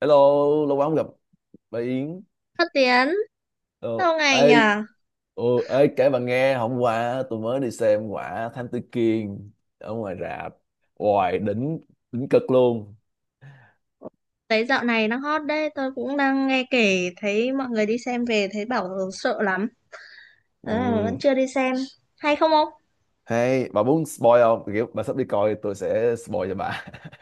Hello, lâu quá không gặp bà Yến. Phát Tiến, Ờ, lâu ngày ê, nhờ? Kể bà nghe, hôm qua tôi mới đi xem quả Thám Tử Kiên ở ngoài rạp. Hoài đỉnh, đỉnh cực luôn. Thấy dạo này đang hot đấy, tôi cũng đang nghe kể thấy mọi người đi xem về thấy bảo sợ lắm. Ừ. Ờ, vẫn chưa đi xem. Hay không ông? Hay, bà muốn spoil không? Kiểu bà sắp đi coi tôi sẽ spoil cho bà.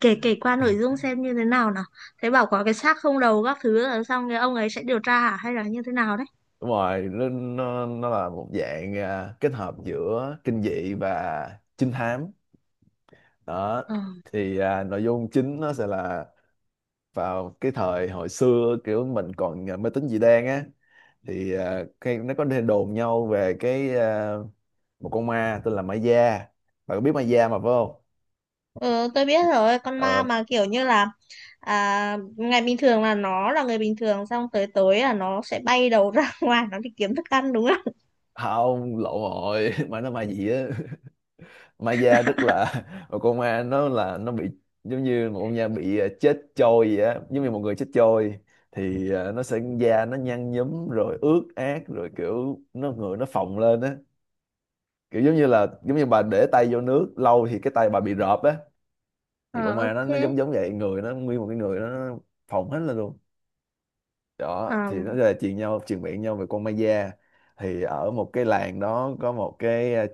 Kể kể qua nội dung xem như thế nào nào. Thấy bảo có cái xác không đầu các thứ rồi xong cái ông ấy sẽ điều tra hả? Hay là như thế nào đấy? Đúng rồi, nó là một dạng kết hợp giữa kinh dị và trinh thám. Đó, Ờ. Nội dung chính nó sẽ là vào cái thời hồi xưa kiểu mình còn mê tín dị đoan á cái nó có đồn nhau về cái một con ma tên là ma da, bạn có biết ma da mà phải không? Ừ, tôi biết rồi, con ma Ờ mà kiểu như là à, ngày bình thường là nó là người bình thường xong tới tối là nó sẽ bay đầu ra ngoài nó đi kiếm thức ăn đúng không? không, lộn rồi mà nó ma gì á ma da tức là một con ma nó là nó bị giống như một con ma bị chết trôi vậy á, giống như một người chết trôi thì nó sẽ da nó nhăn nhúm rồi ướt át rồi kiểu nó người nó phồng lên á, kiểu giống như là giống như bà để tay vô nước lâu thì cái tay bà bị rợp á, thì Ờ, con ma nó ok. nó giống giống vậy, người nó nguyên một cái người nó phồng hết lên luôn. Đó thì nó là truyền nhau truyền miệng nhau về con ma da, thì ở một cái làng đó có một cái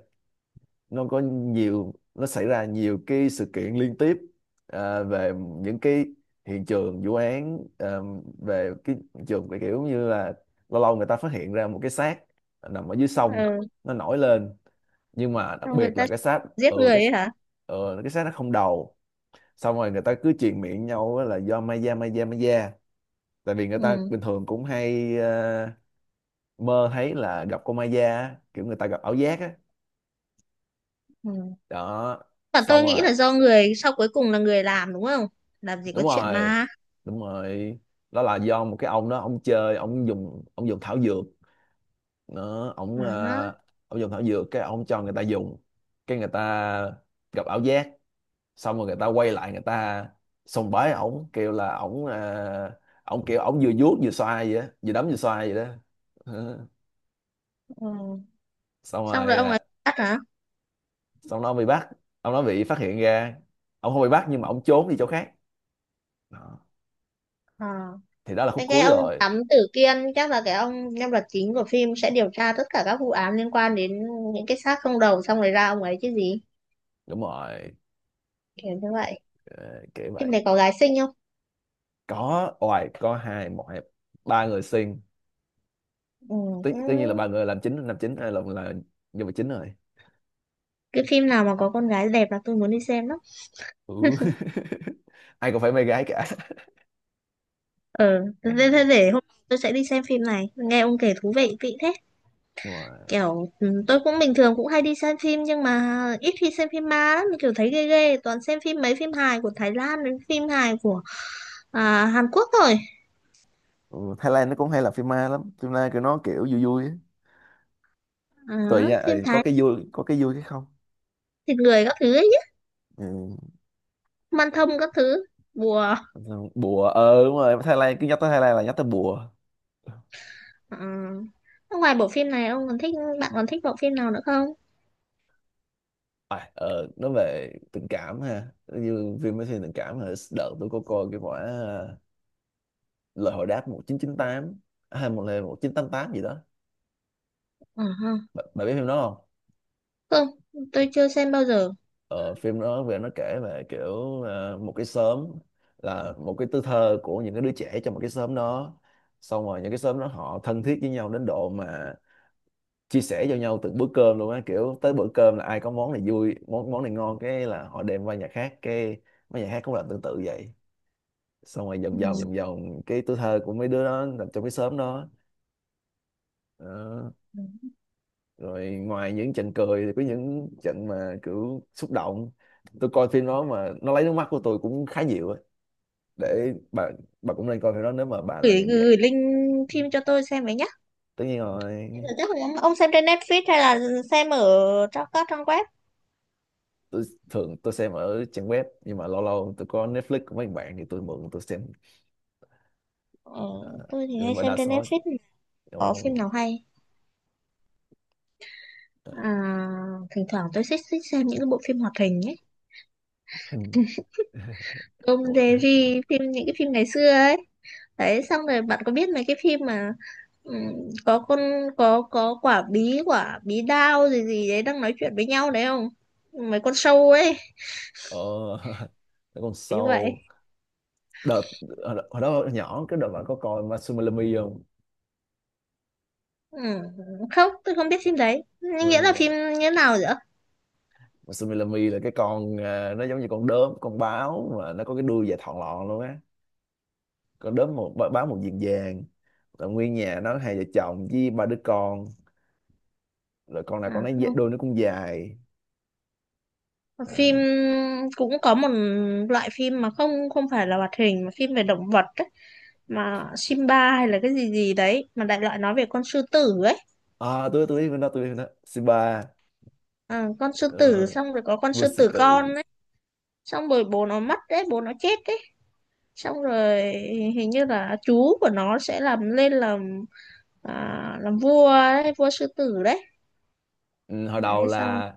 nó có nhiều, nó xảy ra nhiều cái sự kiện liên tiếp về những cái hiện trường vụ án về cái hiện trường cái kiểu như là lâu lâu người ta phát hiện ra một cái xác nằm ở dưới sông, Ờ. nó nổi lên. Nhưng mà đặc Xong người biệt là ta cái xác, giết ừ người cái ấy hả? ừ, cái xác nó không đầu. Xong rồi người ta cứ truyền miệng nhau á là do ma da, ma da, ma da. Tại vì người ta Ừ. bình thường cũng hay mơ thấy là gặp con ma da á, kiểu người ta gặp ảo giác á. Ừ. Đó, Mà xong tôi nghĩ rồi, là do người sau cuối cùng là người làm đúng không? Làm gì đúng có chuyện rồi, ma. đúng rồi, đó là do một cái ông đó, ông chơi, ông dùng thảo dược. Nó ông Ờ. Ông dùng thảo dược, cái ông cho người ta dùng, cái người ta gặp ảo giác. Xong rồi người ta quay lại, người ta sùng bái ổng, kêu là ổng ổng kiểu ổng vừa vuốt vừa xoa vậy á, vừa đấm vừa xoa vậy đó. Ờ, Ừ. xong Xong rồi rồi ông ấy ờ, bắt hả? xong nó bị bắt, ông nó bị phát hiện ra, ông không bị bắt nhưng mà ông trốn đi chỗ khác. Đó. Ờ. Thì đó là khúc Thế cái cuối ông rồi. thám tử Kiên chắc là cái ông nhân vật chính của phim sẽ điều tra tất cả các vụ án liên quan đến những cái xác không đầu xong rồi ra ông ấy chứ gì. Đúng rồi. Kiểu như vậy. Ờ, kiểu Phim vậy. này có gái xinh không? Có oài, có hai, một hai ba người xuyên Ừ. tất, Ừ. tất nhiên là ba người làm chính, làm chính, ai là nhân vật chính rồi. Cái phim nào mà có con gái đẹp là tôi muốn đi xem lắm. Ừ. ai cũng phải mê gái cả Ờ. Thế thế- thế để hôm tôi sẽ đi xem phim này. Nghe ông kể thú vị kỹ thế. đúng rồi. Kiểu ừ, tôi cũng bình thường cũng hay đi xem phim nhưng mà ít khi xem phim ma lắm kiểu thấy ghê ghê toàn xem phim mấy phim hài của Thái Lan đến phim hài của à, Hàn Quốc thôi. Ừ, Thái Lan nó cũng hay làm phim ma lắm, phim ma kiểu nó kiểu vui vui á. Ờ, Tùy nha, phim ừ, có Thái cái vui, có cái vui cái không. thịt người các thứ ấy nhá, Ừ. man thông các thứ bùa. Bùa, ờ đúng rồi, Thái Lan, cứ nhắc tới Thái Lan là nhắc tới bùa. Ờ. Ngoài bộ phim này ông còn thích bạn còn thích bộ phim nào nữa không? Nói về tình cảm ha, như phim mới thiên tình cảm là đợt tôi có coi cái quả lời hồi đáp 1998, hay một lời 1988 gì đó. Ờ ha. Bạn biết phim đó không? Không, tôi chưa xem bao giờ. Ờ, phim đó về nó kể về kiểu một cái xóm, là một cái tuổi thơ của những cái đứa trẻ trong một cái xóm đó. Xong rồi những cái xóm đó họ thân thiết với nhau đến độ mà chia sẻ cho nhau từng bữa cơm luôn á, kiểu tới bữa cơm là ai có món này vui, món món này ngon, cái là họ đem qua nhà khác, cái mấy nhà khác cũng làm tương tự vậy. Xong rồi Ừ. vòng vòng vòng vòng cái tuổi thơ của mấy đứa đó nằm trong cái xóm đó. Đó. Rồi ngoài những trận cười thì có những trận mà kiểu xúc động, tôi coi phim đó mà nó lấy nước mắt của tôi cũng khá nhiều á, để bà cũng nên coi phim đó nếu mà bà là Gửi người như gửi vậy. link phim cho tôi xem với nhá. Tất nhiên rồi. Chắc là ông xem trên Netflix hay là xem ở trong các trang web. Tôi thường tôi xem ở trang web nhưng mà lâu lâu tôi có Netflix của mấy bạn thì tôi mượn tôi xem. Ờ, Ờ, tôi thì nhưng hay mà xem đa trên số Netflix. Có phim ồ nào hay ờ, à, thỉnh thoảng tôi thích thích xem những cái bộ phim hoạt hình ấy. hình Tom ồ Jerry phim những cái phim ngày xưa ấy. Đấy xong rồi bạn có biết mấy cái phim mà ừm, có con có quả bí đao gì gì đấy đang nói chuyện với nhau đấy không? Mấy con sâu ấy ờ, còn như vậy. Soul đợt hồi đó nhỏ, cái đợt bạn có coi Masumilami không? Ừm, không tôi không biết phim đấy. Nhưng Ôi, nghĩa là phim như thế nào vậy ạ? Masumilami là cái con nó giống như con đốm, con báo mà nó có cái đuôi dài thọn lọn luôn á, con đốm một báo một diện vàng, là nguyên nhà nó hai vợ chồng với ba đứa con, rồi con nào con À, nấy đuôi nó cũng dài. à, phim cũng có một loại phim mà không không phải là hoạt hình mà phim về động vật ấy. Mà Simba hay là cái gì gì đấy mà đại loại nói về con sư tử ấy. à tôi biết con đó, tôi biết con đó, Simba. Ờ, con sư tử Uh, xong rồi có con vua sư sư tử tử. con ấy xong rồi bố nó mất đấy bố nó chết đấy xong rồi hình như là chú của nó sẽ làm lên làm à, làm vua đấy, vua sư tử đấy. Ừ, hồi đầu Đấy xong là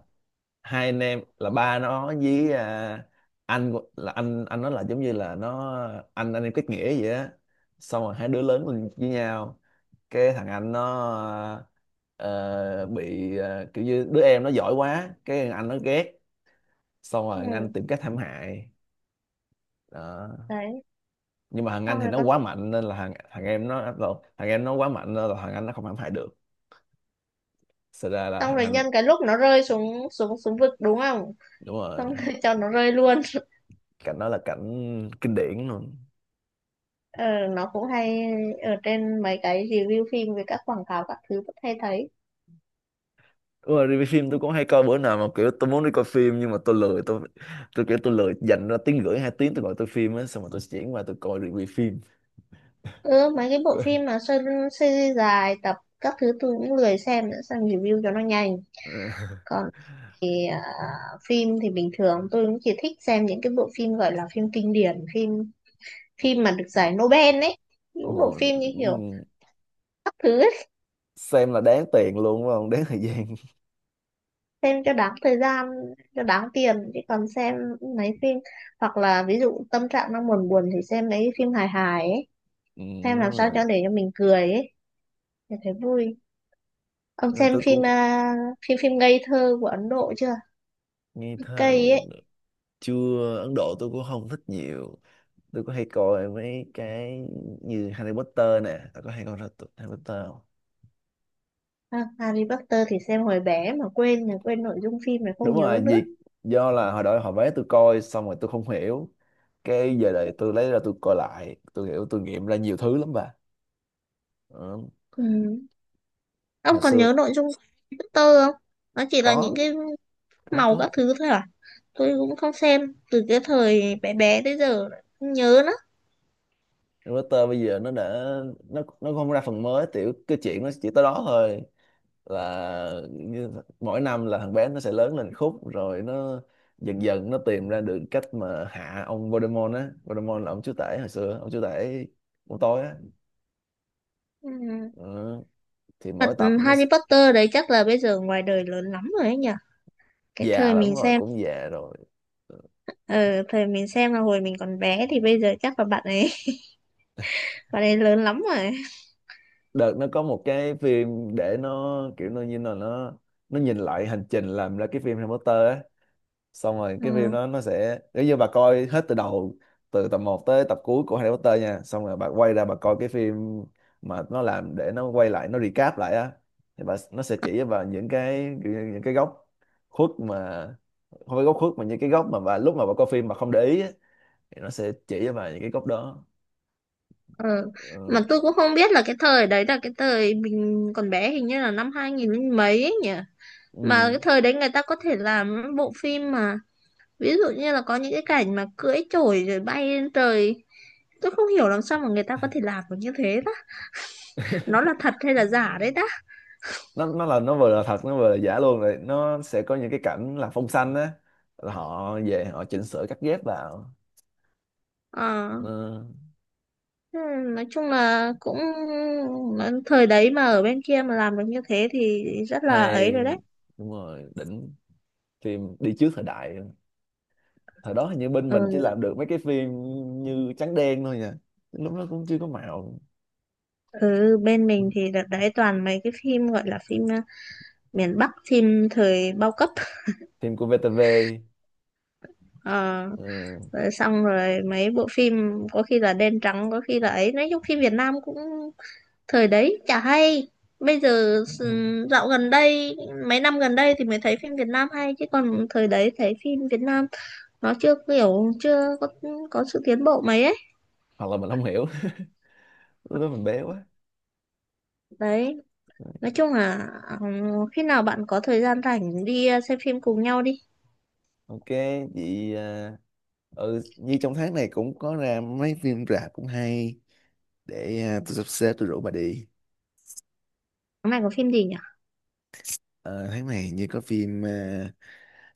hai anh em, là ba nó với là anh nó, là giống như là nó anh em kết nghĩa vậy á. Xong rồi hai đứa lớn lên với nhau, cái thằng anh nó ờ, bị kiểu như đứa em nó giỏi quá cái thằng anh nó ghét. Xong rồi ừ, thằng anh tìm cách hãm hại. Đó, đấy nhưng mà thằng xong anh thì rồi nó con quá mạnh nên là thằng thằng em nó, thằng em nó quá mạnh nên là thằng anh nó không hãm hại được. Xảy ra là xong thằng rồi anh, nhân cái lúc nó rơi xuống xuống xuống vực đúng không, đúng rồi, xong rồi cho nó rơi luôn. cảnh đó là cảnh kinh điển luôn. Ờ, nó cũng hay ở trên mấy cái review phim với các quảng cáo các thứ vẫn hay thấy. Đúng rồi, review phim tôi cũng hay coi, bữa nào mà kiểu tôi muốn đi coi phim nhưng mà tôi lười, tôi kiểu tôi lười dành ra tiếng rưỡi 2 tiếng tôi gọi tôi phim á, xong rồi tôi chuyển qua tôi coi review phim. Ừ, mấy cái bộ phim mà series dài tập các thứ tôi cũng lười xem nữa, xem review cho nó nhanh. Còn thì à, phim thì bình thường tôi cũng chỉ thích xem những cái bộ phim gọi là phim kinh điển, phim phim mà được giải Nobel ấy, những Ồ, bộ phim như kiểu ừm, các thứ ấy, xem là đáng tiền luôn đúng không, đáng thời gian. xem cho đáng thời gian cho đáng tiền, chứ còn xem mấy phim hoặc là ví dụ tâm trạng đang buồn buồn thì xem mấy phim hài hài ấy, Ừ, xem đúng làm sao rồi. cho để cho mình cười ấy, để thấy vui. Ông Ờ, xem tôi phim cũng à, phim phim ngây thơ của Ấn Độ chưa, nghe thơ cây cũng ấy. được. Chưa, Ấn Độ tôi cũng không thích nhiều. Tôi có hay coi mấy cái như Harry Potter nè, tôi có hay coi ra tụi Harry Potter không? À, Harry Potter thì xem hồi bé mà quên là quên nội dung phim này Đúng không rồi, nhớ nữa. việc do là hồi đó họ vé tôi coi xong rồi tôi không hiểu. Cái giờ này tôi lấy ra tôi coi lại, tôi hiểu, tôi nghiệm ra nhiều thứ lắm bà. Ờ, Ừ. Ông hồi còn xưa nhớ nội dung Harry Potter không, nó chỉ là những có, cái có màu có các thứ thôi à, tôi cũng không xem từ cái thời bé bé tới giờ không nhớ nữa. router. Bây giờ nó đã, nó không ra phần mới tiểu, cái chuyện nó chỉ tới đó thôi. Là như, mỗi năm là thằng bé nó sẽ lớn lên khúc rồi nó dần dần nó tìm ra được cách mà hạ ông Voldemort á. Voldemort là ông chúa tể hồi xưa, ông chúa tể của tôi á. Ừ. Ờ, thì Thật. mỗi tập nó Harry Potter đấy chắc là bây giờ ngoài đời lớn lắm rồi ấy nhỉ, cái già thời lắm mình rồi, xem. cũng già rồi. Ờ, Ờ, thời mình xem là hồi mình còn bé thì bây giờ chắc là bạn ấy, bạn ấy lớn lắm rồi. đợt nó có một cái phim để nó kiểu nó như là nó nhìn lại hành trình làm ra cái phim Harry Potter á. Xong rồi cái phim Ừ. đó nó sẽ nếu như bà coi hết từ đầu, từ tập một tới tập cuối của Harry Potter nha, xong rồi bà quay ra bà coi cái phim mà nó làm để nó quay lại nó recap lại á, thì bà, nó sẽ chỉ cho bà những cái kiểu như những cái góc khuất mà, không phải góc khuất mà những cái góc mà bà lúc mà bà coi phim mà không để ý á, thì nó sẽ chỉ cho bà những cái góc đó. Ừ. Mà Ừ. tôi cũng không biết là cái thời đấy là cái thời mình còn bé hình như là năm 2000 mấy ấy nhỉ. Mà Ừ. cái thời đấy người ta có thể làm những bộ phim mà ví dụ như là có những cái cảnh mà cưỡi chổi rồi bay lên trời. Tôi không hiểu làm sao mà người ta có thể làm được như thế đó. Nó là thật hay là giả đấy đó. Nó là nó vừa là thật, nó vừa là giả luôn, rồi nó sẽ có những cái cảnh là phông xanh á, là họ về họ chỉnh sửa cắt ghép vào. Ờ. Ờ, Ừ, nói chung là cũng thời đấy mà ở bên kia mà làm được như thế thì rất là hay, ấy rồi đấy. đúng rồi, đỉnh, phim đi trước thời đại. Thời đó hình như bên mình chỉ Ừ. làm được mấy cái phim như trắng đen thôi nha, lúc đó cũng chưa có màu. Ừ, bên mình thì đợt đấy toàn mấy cái phim gọi là phim ờ, miền Bắc, phim thời bao cấp. Phim của VTV, Ờ, ờ, rồi xong rồi mấy bộ phim có khi là đen trắng, có khi là ấy. Nói chung phim Việt Nam cũng thời đấy chả hay. Bây giờ dạo gần đây, mấy năm gần đây thì mới thấy phim Việt Nam hay. Chứ còn thời đấy thấy phim Việt Nam nó chưa kiểu, chưa có, có sự tiến bộ mấy ấy. hoặc là mình không hiểu lúc đó mình bé quá. Đấy, nói chung là ờ, khi nào bạn có thời gian rảnh đi ờ, xem phim cùng nhau đi. Ok chị ừ như trong tháng này cũng có ra mấy phim rạp cũng hay, để tôi sắp xếp tôi rủ bà đi. Tháng này có phim gì nhỉ? Ờ, tháng này như có phim à,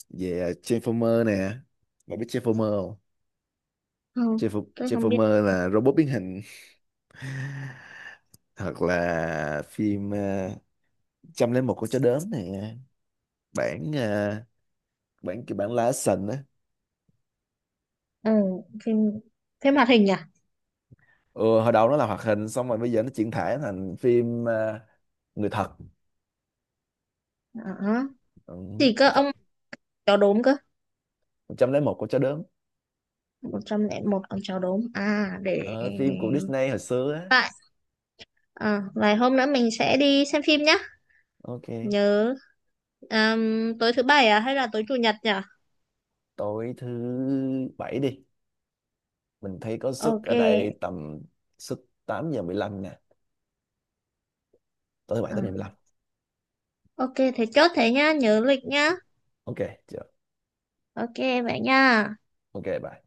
về à, Transformer nè, bà biết Transformer không? Không, tôi không biết. Transformer là robot biến hình. Hoặc là phim 101 con chó đớn nè, bản à, bản kiểu bản live action á. Ừ, phim phim hoạt hình à? Ừ, hồi đầu nó là hoạt hình xong rồi bây giờ nó chuyển thể thành phim người thật. Đó. Ừ, Gì cơ trăm ông, chó đốm cơ? lẻ một con chó đớn. 101 ông chó đốm à, để Ờ, phim của Disney hồi xưa á. tại à, vài hôm nữa mình sẽ đi xem phim nhá. Ok, Nhớ tối thứ bảy à hay là tối chủ nhật nhỉ? tối thứ bảy đi, mình thấy có suất Ok. ở đây tầm suất 8:15 nè, tối thứ bảy Ờ, 8:15. ok thế chốt thế nhá, nhớ lịch nhá. Ok chưa. Ok vậy nha. Ok bye.